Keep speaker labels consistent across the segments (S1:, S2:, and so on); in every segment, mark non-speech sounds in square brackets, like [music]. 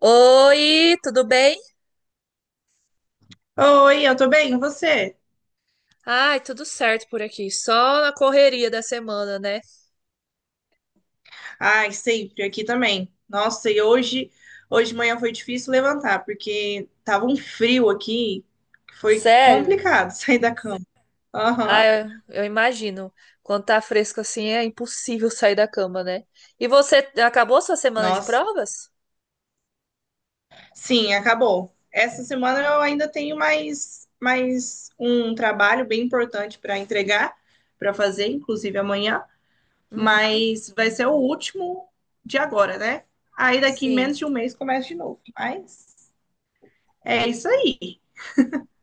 S1: Oi, tudo bem?
S2: Oi, eu tô bem, e você?
S1: Ai, tudo certo por aqui. Só na correria da semana, né?
S2: Ai, sempre, aqui também. Nossa, e hoje, hoje de manhã foi difícil levantar, porque tava um frio aqui, que foi
S1: Sério?
S2: complicado [laughs] sair da cama.
S1: Ah,
S2: Aham.
S1: eu imagino. Quando tá fresco assim, é impossível sair da cama, né? E você acabou sua semana de
S2: Nossa.
S1: provas?
S2: Sim, acabou. Essa semana eu ainda tenho mais um trabalho bem importante para entregar, para fazer, inclusive amanhã,
S1: Uhum.
S2: mas vai ser o último de agora, né? Aí daqui
S1: Sim.
S2: menos de um mês começa de novo. Mas é isso aí.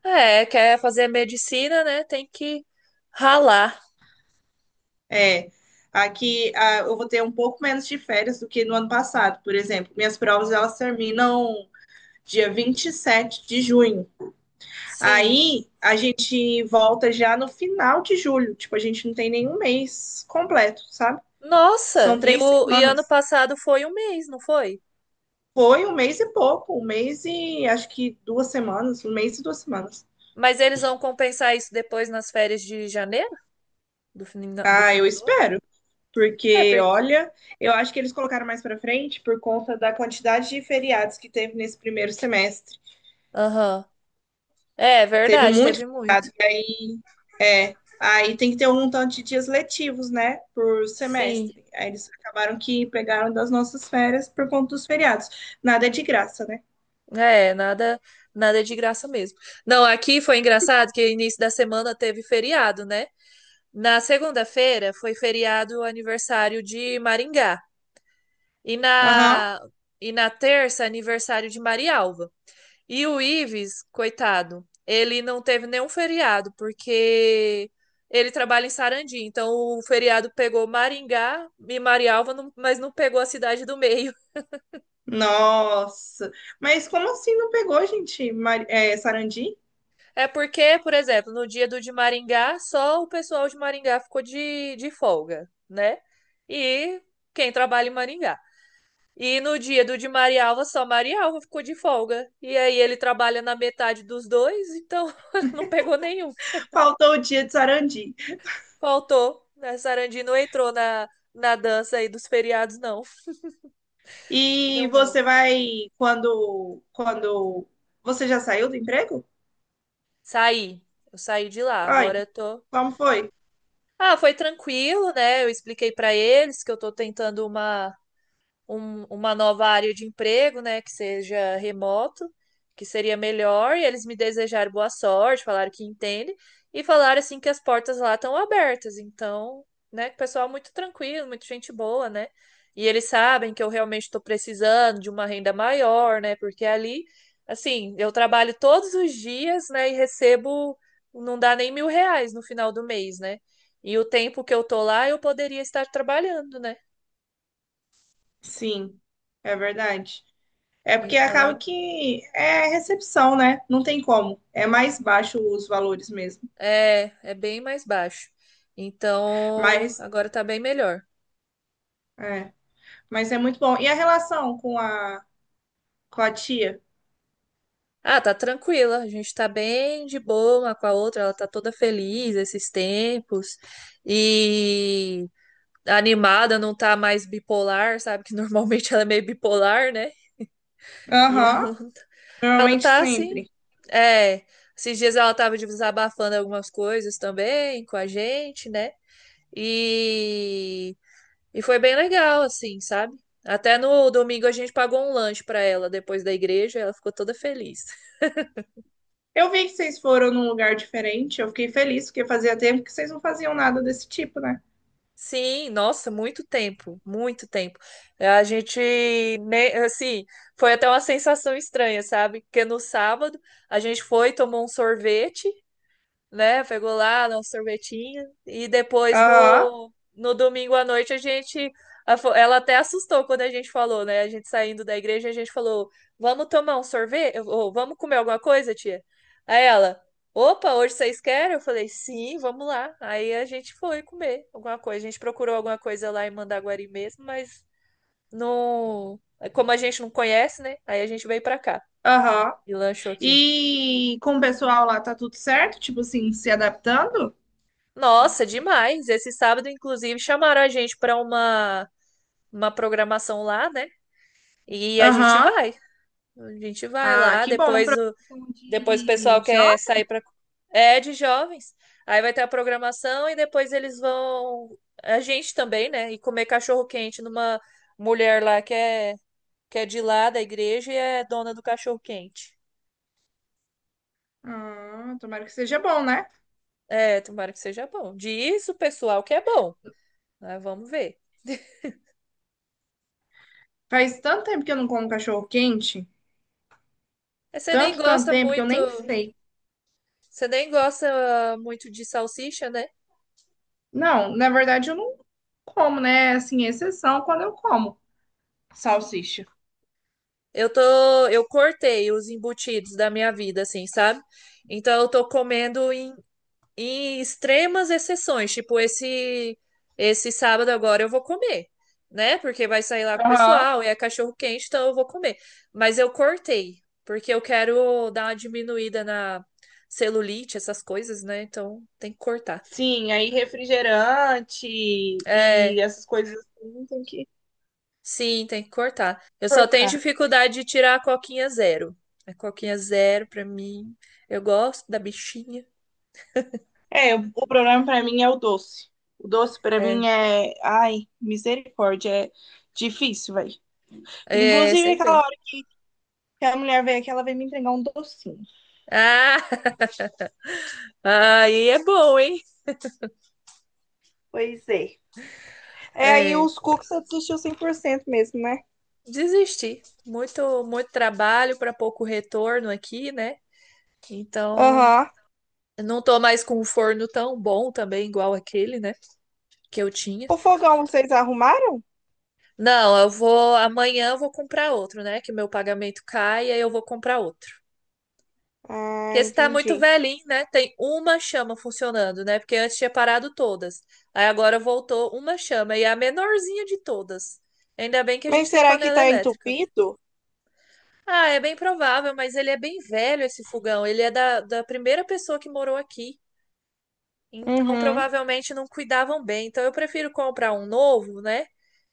S1: É, quer fazer medicina, né? Tem que ralar.
S2: É, aqui ah, eu vou ter um pouco menos de férias do que no ano passado, por exemplo. Minhas provas elas terminam dia 27 de junho.
S1: Sim.
S2: Aí a gente volta já no final de julho. Tipo, a gente não tem nenhum mês completo, sabe? São
S1: Nossa, e
S2: três
S1: o e ano
S2: semanas.
S1: passado foi um mês, não foi?
S2: Foi um mês e pouco, um mês e acho que 2 semanas, um mês e 2 semanas.
S1: Mas eles vão compensar isso depois nas férias de janeiro, do
S2: Ah, eu
S1: final do ano?
S2: espero,
S1: É,
S2: porque
S1: porque.
S2: olha, eu acho que eles colocaram mais pra frente por conta da quantidade de feriados que teve nesse primeiro semestre.
S1: Aham. É,
S2: Teve
S1: verdade,
S2: muito.
S1: teve muito.
S2: e Aí, aí tem que ter um tanto de dias letivos, né? Por
S1: Sim.
S2: semestre. Aí eles acabaram que pegaram das nossas férias por conta dos feriados. Nada é de graça, né?
S1: É, nada, nada é de graça mesmo. Não, aqui foi engraçado que início da semana teve feriado, né? Na segunda-feira foi feriado o aniversário de Maringá. E
S2: Aham.
S1: na terça aniversário de Marialva. E o Ives, coitado, ele não teve nenhum feriado porque ele trabalha em Sarandi, então o feriado pegou Maringá e Marialva, não- mas não pegou a cidade do meio.
S2: Nossa. Mas como assim não pegou, gente? É, Sarandi?
S1: É porque, por exemplo, no dia do de Maringá, só o pessoal de Maringá ficou de folga, né? E quem trabalha em Maringá. E no dia do de Marialva, só Marialva ficou de folga. E aí ele trabalha na metade dos dois, então [laughs] não pegou nenhum.
S2: Faltou o dia de Sarandi.
S1: Faltou. A Sarandi não entrou na dança aí dos feriados, não. Deu
S2: E
S1: mal.
S2: você vai quando você já saiu do emprego?
S1: Saí. Eu saí de lá.
S2: Ai,
S1: Agora eu tô.
S2: como foi?
S1: Ah, foi tranquilo, né? Eu expliquei pra eles que eu tô tentando uma nova área de emprego, né, que seja remoto, que seria melhor, e eles me desejaram boa sorte, falaram que entendem, e falaram assim que as portas lá estão abertas. Então, né, que o pessoal é muito tranquilo, muito gente boa, né? E eles sabem que eu realmente estou precisando de uma renda maior, né? Porque ali, assim, eu trabalho todos os dias, né, e recebo, não dá nem R$ 1.000 no final do mês, né? E o tempo que eu tô lá, eu poderia estar trabalhando, né?
S2: Sim, é verdade. É porque acaba
S1: Então,
S2: que é recepção, né? Não tem como. É mais baixo os valores mesmo.
S1: é, é bem mais baixo. Então,
S2: Mas
S1: agora tá bem melhor.
S2: é, mas é muito bom. E a relação com a tia?
S1: Ah, tá tranquila. A gente tá bem de boa uma com a outra. Ela tá toda feliz esses tempos. E animada, não tá mais bipolar, sabe? Que [laughs] normalmente ela é meio bipolar, né? E
S2: Aham,
S1: ela, não tá- ela
S2: normalmente
S1: tá assim.
S2: sempre.
S1: É, esses dias ela tava desabafando algumas coisas também com a gente, né? E E foi bem legal, assim, sabe? Até no domingo a gente pagou um lanche para ela depois da igreja, ela ficou toda feliz.
S2: Eu vi que vocês foram num lugar diferente, eu fiquei feliz, porque fazia tempo que vocês não faziam nada desse tipo, né?
S1: Sim, nossa, muito tempo, muito tempo. A gente, né, assim, foi até uma sensação estranha, sabe? Porque no sábado a gente foi, tomou um sorvete, né? Pegou lá um sorvetinho e depois
S2: Aham,
S1: no domingo à noite a gente ela até assustou quando a gente falou, né? A gente saindo da igreja, a gente falou: "Vamos tomar um sorvete? Ou vamos comer alguma coisa, tia?" Aí ela: "Opa, hoje vocês querem?" Eu falei: "Sim, vamos lá". Aí a gente foi comer alguma coisa. A gente procurou alguma coisa lá em Mandaguari mesmo, mas não, como a gente não conhece, né? Aí a gente veio pra cá
S2: aham.
S1: e lanchou aqui.
S2: E com o pessoal lá tá tudo certo? Tipo assim, se adaptando?
S1: Nossa, demais. Esse sábado, inclusive, chamaram a gente para uma programação lá, né? E a gente
S2: Aham.
S1: vai. A gente vai
S2: Ah,
S1: lá.
S2: que bom.
S1: Depois o,
S2: Profissão
S1: depois o
S2: de
S1: pessoal
S2: Jó?
S1: quer sair para. É de jovens. Aí vai ter a programação e depois eles vão. A gente também, né? E comer cachorro-quente numa mulher lá que é de lá da igreja e é dona do cachorro-quente.
S2: Ah, tomara que seja bom, né?
S1: É, tomara que seja bom. Diz o pessoal que é bom. Mas vamos ver. [laughs]
S2: Faz tanto tempo que eu não como cachorro quente,
S1: Você nem
S2: tanto, tanto
S1: gosta
S2: tempo que eu
S1: muito.
S2: nem sei.
S1: Você nem gosta muito de salsicha, né?
S2: Não, na verdade eu não como, né? É, assim, exceção quando eu como salsicha.
S1: Eu tô, eu cortei os embutidos da minha vida, assim, sabe? Então eu tô comendo em extremas exceções, tipo esse sábado agora eu vou comer, né? Porque vai sair lá com o
S2: Aham.
S1: pessoal e é cachorro quente, então eu vou comer. Mas eu cortei, porque eu quero dar uma diminuída na celulite, essas coisas, né? Então tem que cortar.
S2: Sim, aí refrigerante e
S1: É,
S2: essas coisas assim tem que
S1: sim, tem que cortar. Eu só tenho
S2: cortar.
S1: dificuldade de tirar a coquinha zero. A coquinha zero, pra mim. Eu gosto da bichinha.
S2: É, o problema pra mim é o doce. O doce pra
S1: É,
S2: mim é, ai, misericórdia, é difícil, velho.
S1: é,
S2: Inclusive
S1: sei
S2: aquela
S1: bem.
S2: hora que a mulher veio aqui, ela veio me entregar um docinho.
S1: Ah, [laughs] aí é bom, hein?
S2: Pois é. É, aí
S1: É,
S2: os cookies você desistiu 100% mesmo, né?
S1: desisti. Muito, muito trabalho para pouco retorno aqui, né? Então,
S2: Aham.
S1: eu não tô mais com um forno tão bom também, igual aquele, né? Que eu tinha.
S2: O fogão vocês arrumaram?
S1: Não, eu vou. Amanhã eu vou comprar outro, né? Que meu pagamento cai, e aí eu vou comprar outro.
S2: Ah,
S1: Porque esse tá muito
S2: entendi.
S1: velhinho, né? Tem uma chama funcionando, né? Porque antes tinha parado todas. Aí agora voltou uma chama e é a menorzinha de todas. Ainda bem que a
S2: Mas
S1: gente tem
S2: será que
S1: panela
S2: tá
S1: elétrica.
S2: entupido?
S1: Ah, é bem provável, mas ele é bem velho esse fogão. Ele é da, da primeira pessoa que morou aqui. Então
S2: Uhum.
S1: provavelmente não cuidavam bem. Então eu prefiro comprar um novo, né?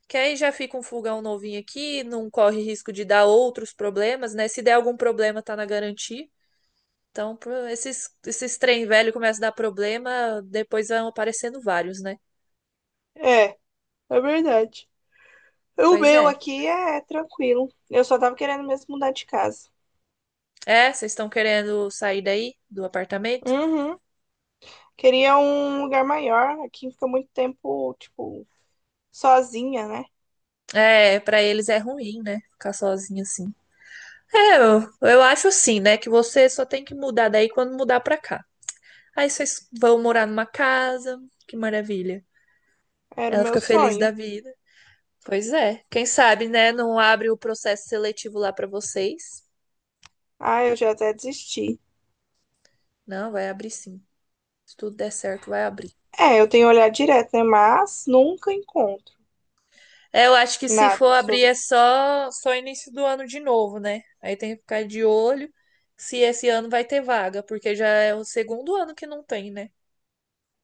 S1: Que aí já fica um fogão novinho aqui, não corre risco de dar outros problemas, né? Se der algum problema, tá na garantia. Então, esses trem velho começam a dar problema, depois vão aparecendo vários, né?
S2: É, é verdade. O
S1: Pois
S2: meu
S1: é.
S2: aqui é tranquilo. Eu só tava querendo mesmo mudar de casa.
S1: É, vocês estão querendo sair daí do apartamento?
S2: Uhum. Queria um lugar maior. Aqui fica muito tempo, tipo, sozinha, né?
S1: É, pra eles é ruim, né? Ficar sozinho assim. É, eu acho assim, né? Que você só tem que mudar daí quando mudar pra cá. Aí vocês vão morar numa casa, que maravilha.
S2: Era o
S1: Ela
S2: meu
S1: fica feliz
S2: sonho.
S1: da vida. Pois é. Quem sabe, né? Não abre o processo seletivo lá pra vocês.
S2: Ah, eu já até desisti.
S1: Não, vai abrir sim. Se tudo der certo, vai abrir.
S2: É, eu tenho olhado direto, né? Mas nunca encontro
S1: É, eu acho que se for
S2: nada. Só
S1: abrir é só início do ano de novo, né? Aí tem que ficar de olho se esse ano vai ter vaga, porque já é o segundo ano que não tem, né?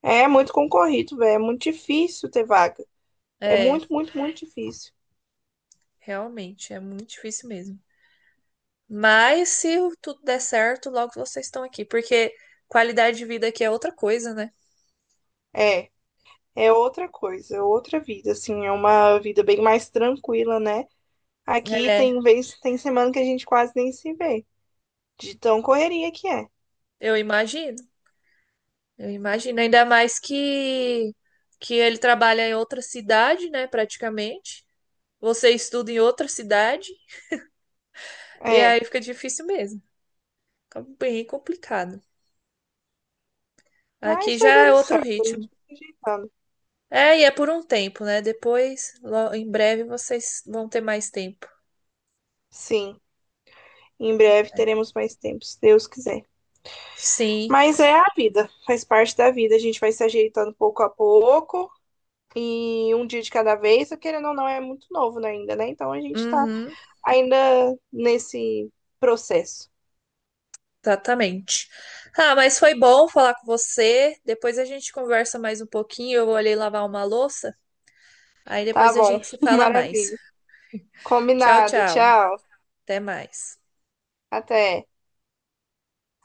S2: é muito concorrido, velho. É muito difícil ter vaga. É
S1: É,
S2: muito, muito, muito difícil.
S1: realmente, é muito difícil mesmo. Mas se tudo der certo, logo vocês estão aqui, porque qualidade de vida aqui é outra coisa, né?
S2: É, é outra coisa, é outra vida, assim, é uma vida bem mais tranquila, né? Aqui
S1: É,
S2: tem vez, tem semana que a gente quase nem se vê, de tão correria que é.
S1: eu imagino. Eu imagino, ainda mais que ele trabalha em outra cidade, né, praticamente. Você estuda em outra cidade e
S2: É,
S1: aí fica difícil mesmo. Fica bem complicado. Aqui
S2: mas
S1: já
S2: vai
S1: é
S2: dando
S1: outro
S2: certo, a
S1: ritmo.
S2: gente vai se ajeitando.
S1: É, e é por um tempo, né? Depois, em breve, vocês vão ter mais tempo.
S2: Sim, em breve
S1: Né?
S2: teremos mais tempo, se Deus quiser.
S1: Sim,
S2: Mas é a vida, faz parte da vida, a gente vai se ajeitando pouco a pouco. E um dia de cada vez, querendo ou não, é muito novo, né, ainda, né? Então a gente tá
S1: uhum,
S2: ainda nesse processo.
S1: exatamente. Ah, mas foi bom falar com você. Depois a gente conversa mais um pouquinho. Eu vou ali lavar uma louça. Aí
S2: Tá
S1: depois a
S2: bom,
S1: gente se
S2: [laughs]
S1: fala mais.
S2: maravilha.
S1: Tchau,
S2: Combinado,
S1: tchau.
S2: tchau.
S1: Até mais.
S2: Até.